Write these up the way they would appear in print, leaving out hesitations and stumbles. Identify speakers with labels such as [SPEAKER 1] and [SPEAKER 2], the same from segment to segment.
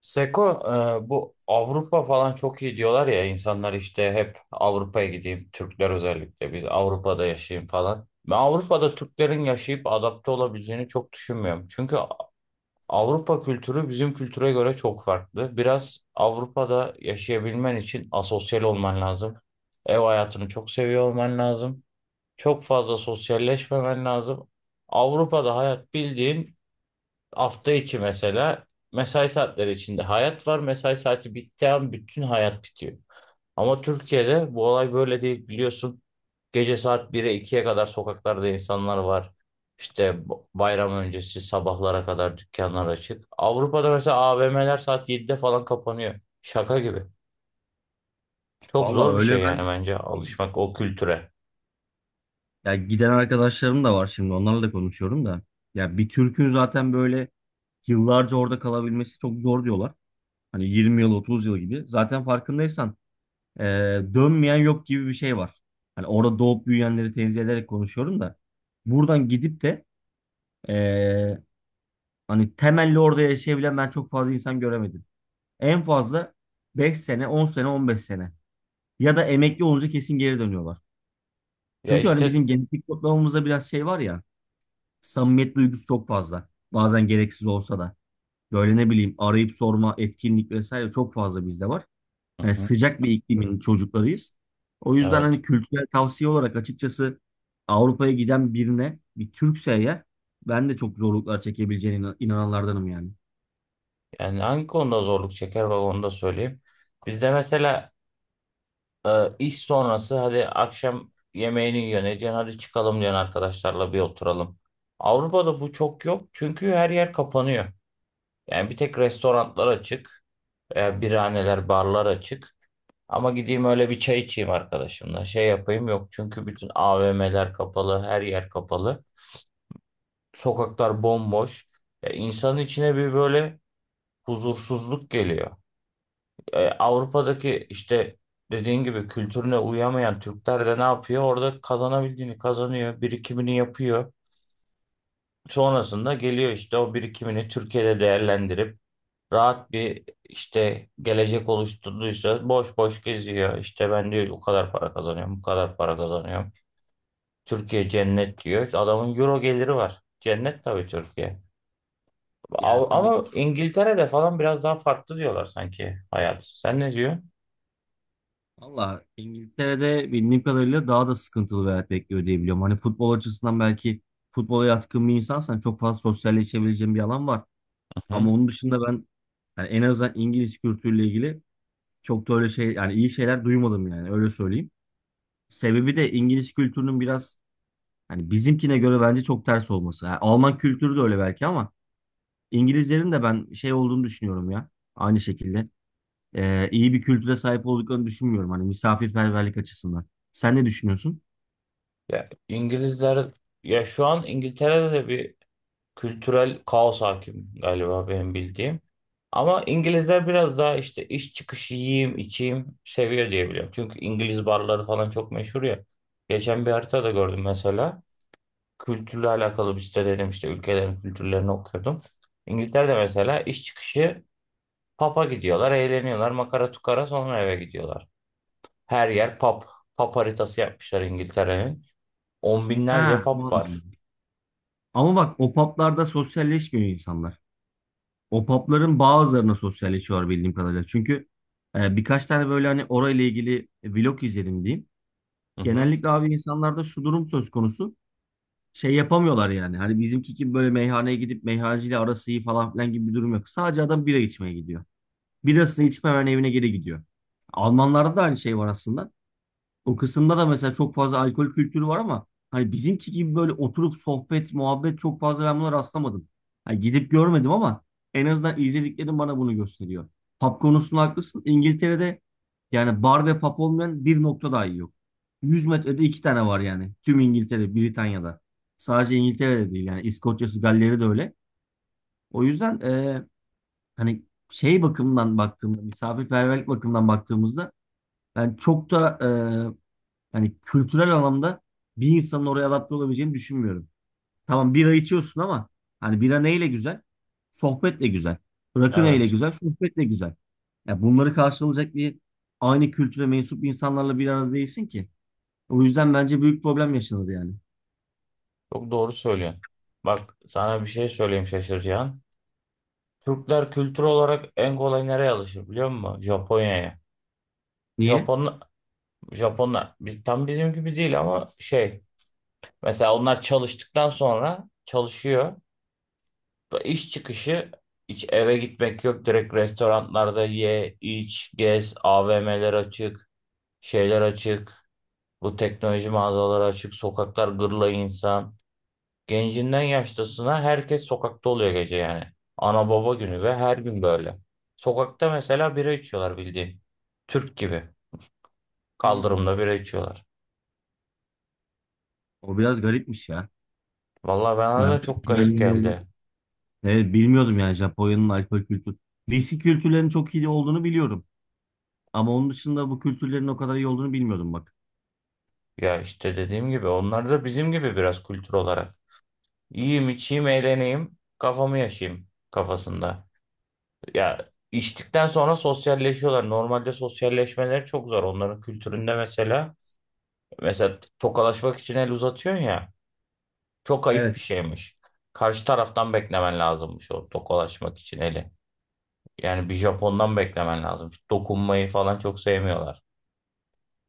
[SPEAKER 1] Seko, bu Avrupa falan çok iyi diyorlar ya, insanlar işte hep Avrupa'ya gideyim, Türkler özellikle biz Avrupa'da yaşayayım falan. Ben Avrupa'da Türklerin yaşayıp adapte olabileceğini çok düşünmüyorum. Çünkü Avrupa kültürü bizim kültüre göre çok farklı. Biraz Avrupa'da yaşayabilmen için asosyal olman lazım. Ev hayatını çok seviyor olman lazım. Çok fazla sosyalleşmemen lazım. Avrupa'da hayat bildiğin, hafta içi mesela mesai saatleri içinde hayat var. Mesai saati bittiği an bütün hayat bitiyor. Ama Türkiye'de bu olay böyle değil, biliyorsun. Gece saat 1'e ikiye kadar sokaklarda insanlar var. İşte bayram öncesi sabahlara kadar dükkanlar açık. Avrupa'da mesela AVM'ler saat 7'de falan kapanıyor. Şaka gibi. Çok
[SPEAKER 2] Valla
[SPEAKER 1] zor bir
[SPEAKER 2] öyle,
[SPEAKER 1] şey yani,
[SPEAKER 2] ben
[SPEAKER 1] bence alışmak o kültüre.
[SPEAKER 2] ya giden arkadaşlarım da var, şimdi onlarla da konuşuyorum da. Ya bir Türk'ün zaten böyle yıllarca orada kalabilmesi çok zor diyorlar. Hani 20 yıl 30 yıl gibi. Zaten farkındaysan e, dönmeyen yok gibi bir şey var. Hani orada doğup büyüyenleri tenzih ederek konuşuyorum da. Buradan gidip de e, hani temelli orada yaşayabilen ben çok fazla insan göremedim. En fazla 5 sene, 10 sene, 15 sene. Ya da emekli olunca kesin geri dönüyorlar.
[SPEAKER 1] Ya
[SPEAKER 2] Çünkü hani
[SPEAKER 1] işte.
[SPEAKER 2] bizim genetik kodlamamızda biraz şey var ya. Samimiyet duygusu çok fazla. Bazen gereksiz olsa da. Böyle ne bileyim, arayıp sorma, etkinlik vesaire çok fazla bizde var. Yani
[SPEAKER 1] Hı.
[SPEAKER 2] sıcak bir iklimin çocuklarıyız. O yüzden
[SPEAKER 1] Evet.
[SPEAKER 2] hani kültürel tavsiye olarak, açıkçası Avrupa'ya giden birine, bir Türkse eğer, ben de çok zorluklar çekebileceğine inananlardanım yani.
[SPEAKER 1] Yani hangi konuda zorluk çeker, bak onu da söyleyeyim. Bizde mesela iş sonrası hadi akşam yemeğini yiyorsun ediyorsun, hadi çıkalım diyorsun arkadaşlarla bir oturalım. Avrupa'da bu çok yok çünkü her yer kapanıyor. Yani bir tek restoranlar açık, birahaneler, barlar açık. Ama gideyim öyle bir çay içeyim arkadaşımla, şey yapayım, yok, çünkü bütün AVM'ler kapalı, her yer kapalı. Sokaklar bomboş. Ya insanın içine bir böyle huzursuzluk geliyor. Avrupa'daki işte dediğin gibi kültürüne uyamayan Türkler de ne yapıyor? Orada kazanabildiğini kazanıyor, birikimini yapıyor. Sonrasında geliyor, işte o birikimini Türkiye'de değerlendirip rahat bir işte gelecek oluşturduysa boş boş geziyor. İşte ben diyor o kadar para kazanıyorum, bu kadar para kazanıyorum. Türkiye cennet diyor. Adamın euro geliri var. Cennet tabii Türkiye.
[SPEAKER 2] Yani tabii ki
[SPEAKER 1] Ama İngiltere'de falan biraz daha farklı diyorlar sanki hayat. Sen ne diyorsun?
[SPEAKER 2] valla İngiltere'de bildiğim kadarıyla daha da sıkıntılı bir hayat bekliyor diye biliyorum. Hani futbol açısından belki futbola yatkın bir insansan çok fazla sosyalleşebileceğin bir alan var. Ama onun dışında ben, yani en azından İngiliz kültürüyle ilgili çok da öyle şey, yani iyi şeyler duymadım yani, öyle söyleyeyim. Sebebi de İngiliz kültürünün biraz hani bizimkine göre bence çok ters olması. Yani Alman kültürü de öyle belki ama İngilizlerin de ben şey olduğunu düşünüyorum ya. Aynı şekilde, iyi bir kültüre sahip olduklarını düşünmüyorum hani misafirperverlik açısından. Sen ne düşünüyorsun?
[SPEAKER 1] Ya İngilizler, ya şu an İngiltere'de de bir kültürel kaos hakim galiba benim bildiğim. Ama İngilizler biraz daha işte iş çıkışı yiyeyim içeyim seviyor diye biliyorum. Çünkü İngiliz barları falan çok meşhur ya. Geçen bir haritada gördüm mesela. Kültürle alakalı bir site, dedim işte ülkelerin kültürlerini okuyordum. İngiltere'de mesela iş çıkışı pub'a gidiyorlar, eğleniyorlar, makara tukara sonra eve gidiyorlar. Her yer pub. Pub haritası yapmışlar İngiltere'nin. On binlerce
[SPEAKER 2] Ha,
[SPEAKER 1] pub var.
[SPEAKER 2] anladım. Ama bak, o publarda sosyalleşmiyor insanlar. O pubların bazılarına sosyalleşiyorlar bildiğim kadarıyla. Çünkü birkaç tane böyle hani orayla ilgili vlog izledim diyeyim.
[SPEAKER 1] Hı hı.
[SPEAKER 2] Genellikle abi insanlarda şu durum söz konusu. Şey yapamıyorlar yani. Hani bizimki gibi böyle meyhaneye gidip meyhaneciyle arası iyi falan filan gibi bir durum yok. Sadece adam bira içmeye gidiyor. Birasını içip hemen evine geri gidiyor. Almanlarda da aynı şey var aslında. O kısımda da mesela çok fazla alkol kültürü var ama hani bizimki gibi böyle oturup sohbet, muhabbet çok fazla ben buna rastlamadım. Hani gidip görmedim ama en azından izlediklerim bana bunu gösteriyor. Pub konusunda haklısın. İngiltere'de yani bar ve pub olmayan bir nokta dahi yok. 100 metrede 2 tane var yani. Tüm İngiltere, Britanya'da. Sadece İngiltere'de değil yani, İskoçya'sı, Galler'i de öyle. O yüzden hani şey bakımından baktığımda, misafirperverlik bakımından baktığımızda ben çok da, hani kültürel anlamda bir insanın oraya adapte olabileceğini düşünmüyorum. Tamam bira içiyorsun ama hani bira neyle güzel? Sohbetle güzel. Rakı neyle
[SPEAKER 1] Evet.
[SPEAKER 2] güzel? Sohbetle güzel. Ya bunları karşılayacak bir aynı kültüre mensup insanlarla bir arada değilsin ki. O yüzden bence büyük problem yaşanır yani.
[SPEAKER 1] Çok doğru söylüyorsun. Bak sana bir şey söyleyeyim şaşıracağın. Türkler kültür olarak en kolay nereye alışır biliyor musun? Japonya'ya.
[SPEAKER 2] Niye?
[SPEAKER 1] Japon, Japonlar tam bizim gibi değil ama şey, mesela onlar çalıştıktan sonra çalışıyor. İş çıkışı hiç eve gitmek yok. Direkt restoranlarda ye, iç, gez, AVM'ler açık, şeyler açık. Bu teknoloji mağazaları açık, sokaklar gırla insan. Gencinden yaşlısına herkes sokakta oluyor gece yani. Ana baba günü ve her gün böyle. Sokakta mesela bira içiyorlar bildiğin. Türk gibi.
[SPEAKER 2] Hmm.
[SPEAKER 1] Kaldırımda bira içiyorlar.
[SPEAKER 2] O biraz garipmiş ya.
[SPEAKER 1] Vallahi bana
[SPEAKER 2] Ben
[SPEAKER 1] da çok garip
[SPEAKER 2] bilmiyordum.
[SPEAKER 1] geldi.
[SPEAKER 2] Evet bilmiyordum yani, Japonya'nın alkol kültürü. Viski kültürlerinin çok iyi olduğunu biliyorum. Ama onun dışında bu kültürlerin o kadar iyi olduğunu bilmiyordum bak.
[SPEAKER 1] Ya işte dediğim gibi onlar da bizim gibi biraz kültür olarak. Yiyeyim, içeyim, eğleneyim, kafamı yaşayayım kafasında. Ya içtikten sonra sosyalleşiyorlar. Normalde sosyalleşmeleri çok zor onların kültüründe mesela. Mesela tokalaşmak için el uzatıyorsun ya. Çok ayıp bir
[SPEAKER 2] Evet.
[SPEAKER 1] şeymiş. Karşı taraftan beklemen lazımmış o tokalaşmak için eli. Yani bir Japon'dan beklemen lazım. Dokunmayı falan çok sevmiyorlar.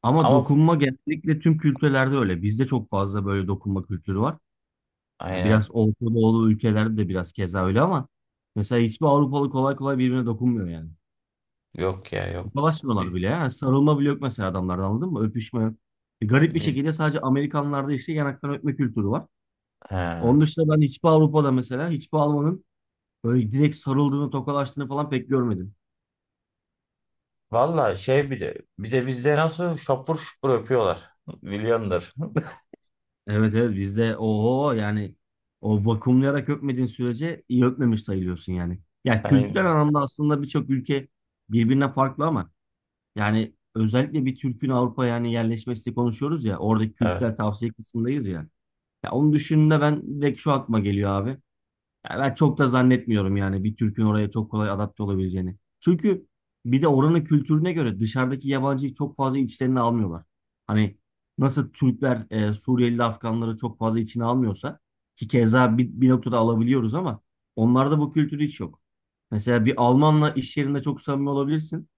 [SPEAKER 2] Ama
[SPEAKER 1] Ama f-
[SPEAKER 2] dokunma genellikle tüm kültürlerde öyle. Bizde çok fazla böyle dokunma kültürü var. Yani biraz
[SPEAKER 1] aynen.
[SPEAKER 2] Orta Doğulu ülkelerde de biraz keza öyle ama mesela hiçbir Avrupalı kolay kolay birbirine dokunmuyor yani.
[SPEAKER 1] Yok ya, yok.
[SPEAKER 2] Tokalaşmıyorlar
[SPEAKER 1] Bi-
[SPEAKER 2] bile, ya. Yani sarılma bile yok mesela adamlarda, anladın mı? Öpüşme yok. Garip bir
[SPEAKER 1] Biz,
[SPEAKER 2] şekilde sadece Amerikanlarda işte yanaktan öpme kültürü var.
[SPEAKER 1] he.
[SPEAKER 2] Onun dışında ben hiçbir Avrupa'da, mesela hiçbir Alman'ın böyle direkt sarıldığını, tokalaştığını falan pek görmedim.
[SPEAKER 1] Valla şey, bir de bizde nasıl şapur şupur öpüyorlar. Milyondur.
[SPEAKER 2] Evet evet, bizde oho yani, o vakumlayarak öpmediğin sürece iyi öpmemiş sayılıyorsun yani. Ya kültürel
[SPEAKER 1] Aynen.
[SPEAKER 2] anlamda aslında birçok ülke birbirine farklı ama yani özellikle bir Türk'ün Avrupa'ya yani yerleşmesini konuşuyoruz ya, oradaki
[SPEAKER 1] Evet.
[SPEAKER 2] kültürel tavsiye kısmındayız ya. Ya onu düşündüğümde ben direkt şu aklıma geliyor abi. Ya ben çok da zannetmiyorum yani bir Türk'ün oraya çok kolay adapte olabileceğini. Çünkü bir de oranın kültürüne göre dışarıdaki yabancıyı çok fazla içlerine almıyorlar. Hani nasıl Türkler Suriyeli Afganları çok fazla içine almıyorsa, ki keza bir noktada alabiliyoruz ama onlarda bu kültür hiç yok. Mesela bir Almanla iş yerinde çok samimi olabilirsin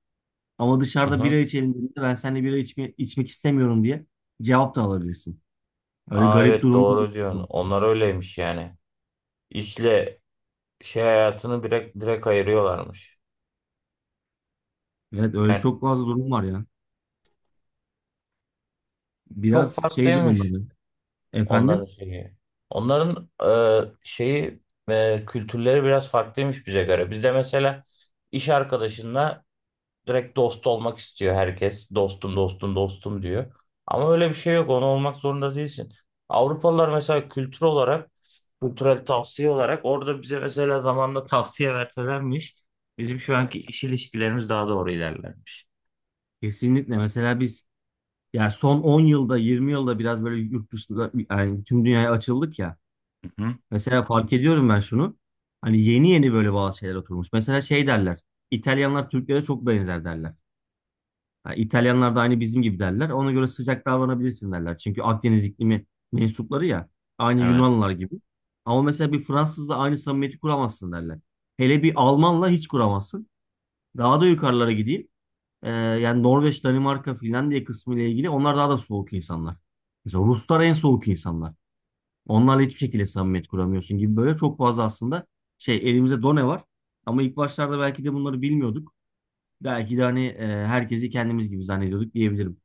[SPEAKER 2] ama
[SPEAKER 1] Hı
[SPEAKER 2] dışarıda bira
[SPEAKER 1] hı.
[SPEAKER 2] içelim dediğinde, ben seninle bira içme, içmek istemiyorum diye cevap da alabilirsin. Öyle
[SPEAKER 1] Aa,
[SPEAKER 2] garip
[SPEAKER 1] evet,
[SPEAKER 2] durumlar.
[SPEAKER 1] doğru diyorsun. Onlar öyleymiş yani. İşle şey hayatını direkt ayırıyorlarmış.
[SPEAKER 2] Evet, öyle
[SPEAKER 1] Yani
[SPEAKER 2] çok fazla durum var ya.
[SPEAKER 1] çok
[SPEAKER 2] Biraz şey
[SPEAKER 1] farklıymış.
[SPEAKER 2] durumları.
[SPEAKER 1] Onların
[SPEAKER 2] Efendim?
[SPEAKER 1] şeyi. Onların şeyi, kültürleri biraz farklıymış bize göre. Bizde mesela iş arkadaşınla direkt dost olmak istiyor herkes. Dostum, dostum, dostum diyor. Ama öyle bir şey yok. Onu olmak zorunda değilsin. Avrupalılar mesela kültür olarak, kültürel tavsiye olarak orada bize mesela zamanla tavsiye verselermiş, bizim şu anki iş ilişkilerimiz daha doğru ilerlermiş.
[SPEAKER 2] Kesinlikle. Mesela biz ya son 10 yılda 20 yılda biraz böyle yurt dışında yani tüm dünyaya açıldık ya.
[SPEAKER 1] Hı hı.
[SPEAKER 2] Mesela fark ediyorum ben şunu. Hani yeni yeni böyle bazı şeyler oturmuş. Mesela şey derler. İtalyanlar Türklere çok benzer derler. Ha, İtalyanlar da aynı bizim gibi derler. Ona göre sıcak davranabilirsin derler. Çünkü Akdeniz iklimi mensupları ya. Aynı
[SPEAKER 1] Evet.
[SPEAKER 2] Yunanlılar gibi. Ama mesela bir Fransızla aynı samimiyeti kuramazsın derler. Hele bir Almanla hiç kuramazsın. Daha da yukarılara gideyim. Yani Norveç, Danimarka, Finlandiya kısmı ile ilgili onlar daha da soğuk insanlar. Mesela Ruslar en soğuk insanlar. Onlarla hiçbir şekilde samimiyet kuramıyorsun gibi, böyle çok fazla aslında şey, elimizde done var. Ama ilk başlarda belki de bunları bilmiyorduk. Belki de hani herkesi kendimiz gibi zannediyorduk diyebilirim.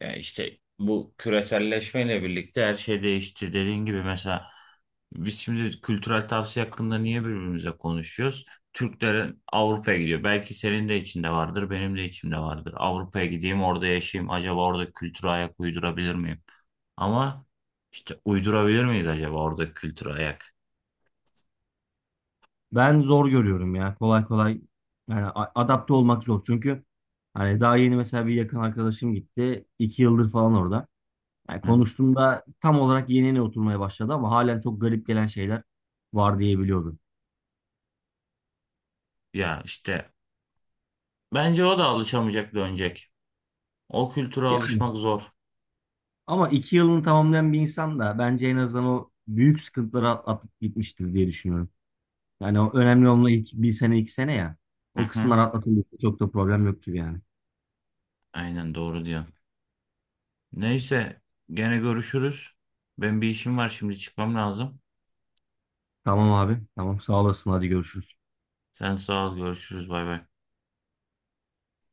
[SPEAKER 1] Yani işte bu küreselleşmeyle birlikte her şey değişti. Dediğin gibi mesela biz şimdi kültürel tavsiye hakkında niye birbirimize konuşuyoruz? Türklerin Avrupa'ya gidiyor. Belki senin de içinde vardır, benim de içimde vardır. Avrupa'ya gideyim, orada yaşayayım. Acaba orada kültüre ayak uydurabilir miyim? Ama işte uydurabilir miyiz acaba orada kültüre ayak?
[SPEAKER 2] Ben zor görüyorum ya. Kolay kolay yani adapte olmak zor. Çünkü hani daha yeni mesela bir yakın arkadaşım gitti, 2 yıldır falan orada. Yani
[SPEAKER 1] Hı?
[SPEAKER 2] konuştuğumda tam olarak yenine oturmaya başladı ama halen çok garip gelen şeyler var diyebiliyordum.
[SPEAKER 1] Ya işte bence o da alışamayacak, dönecek. O kültüre
[SPEAKER 2] Yani,
[SPEAKER 1] alışmak zor.
[SPEAKER 2] ama 2 yılını tamamlayan bir insan da bence en azından o büyük sıkıntıları atıp gitmiştir diye düşünüyorum. Yani o önemli olan ilk bir sene 2 sene ya.
[SPEAKER 1] Hı
[SPEAKER 2] O
[SPEAKER 1] hı.
[SPEAKER 2] kısımlar atlatılırsa çok da problem yok gibi yani.
[SPEAKER 1] Aynen, doğru diyorsun. Neyse, gene görüşürüz. Ben bir işim var, şimdi çıkmam lazım.
[SPEAKER 2] Tamam abi. Tamam sağ olasın. Hadi görüşürüz.
[SPEAKER 1] Sen sağ ol, görüşürüz, bay bay.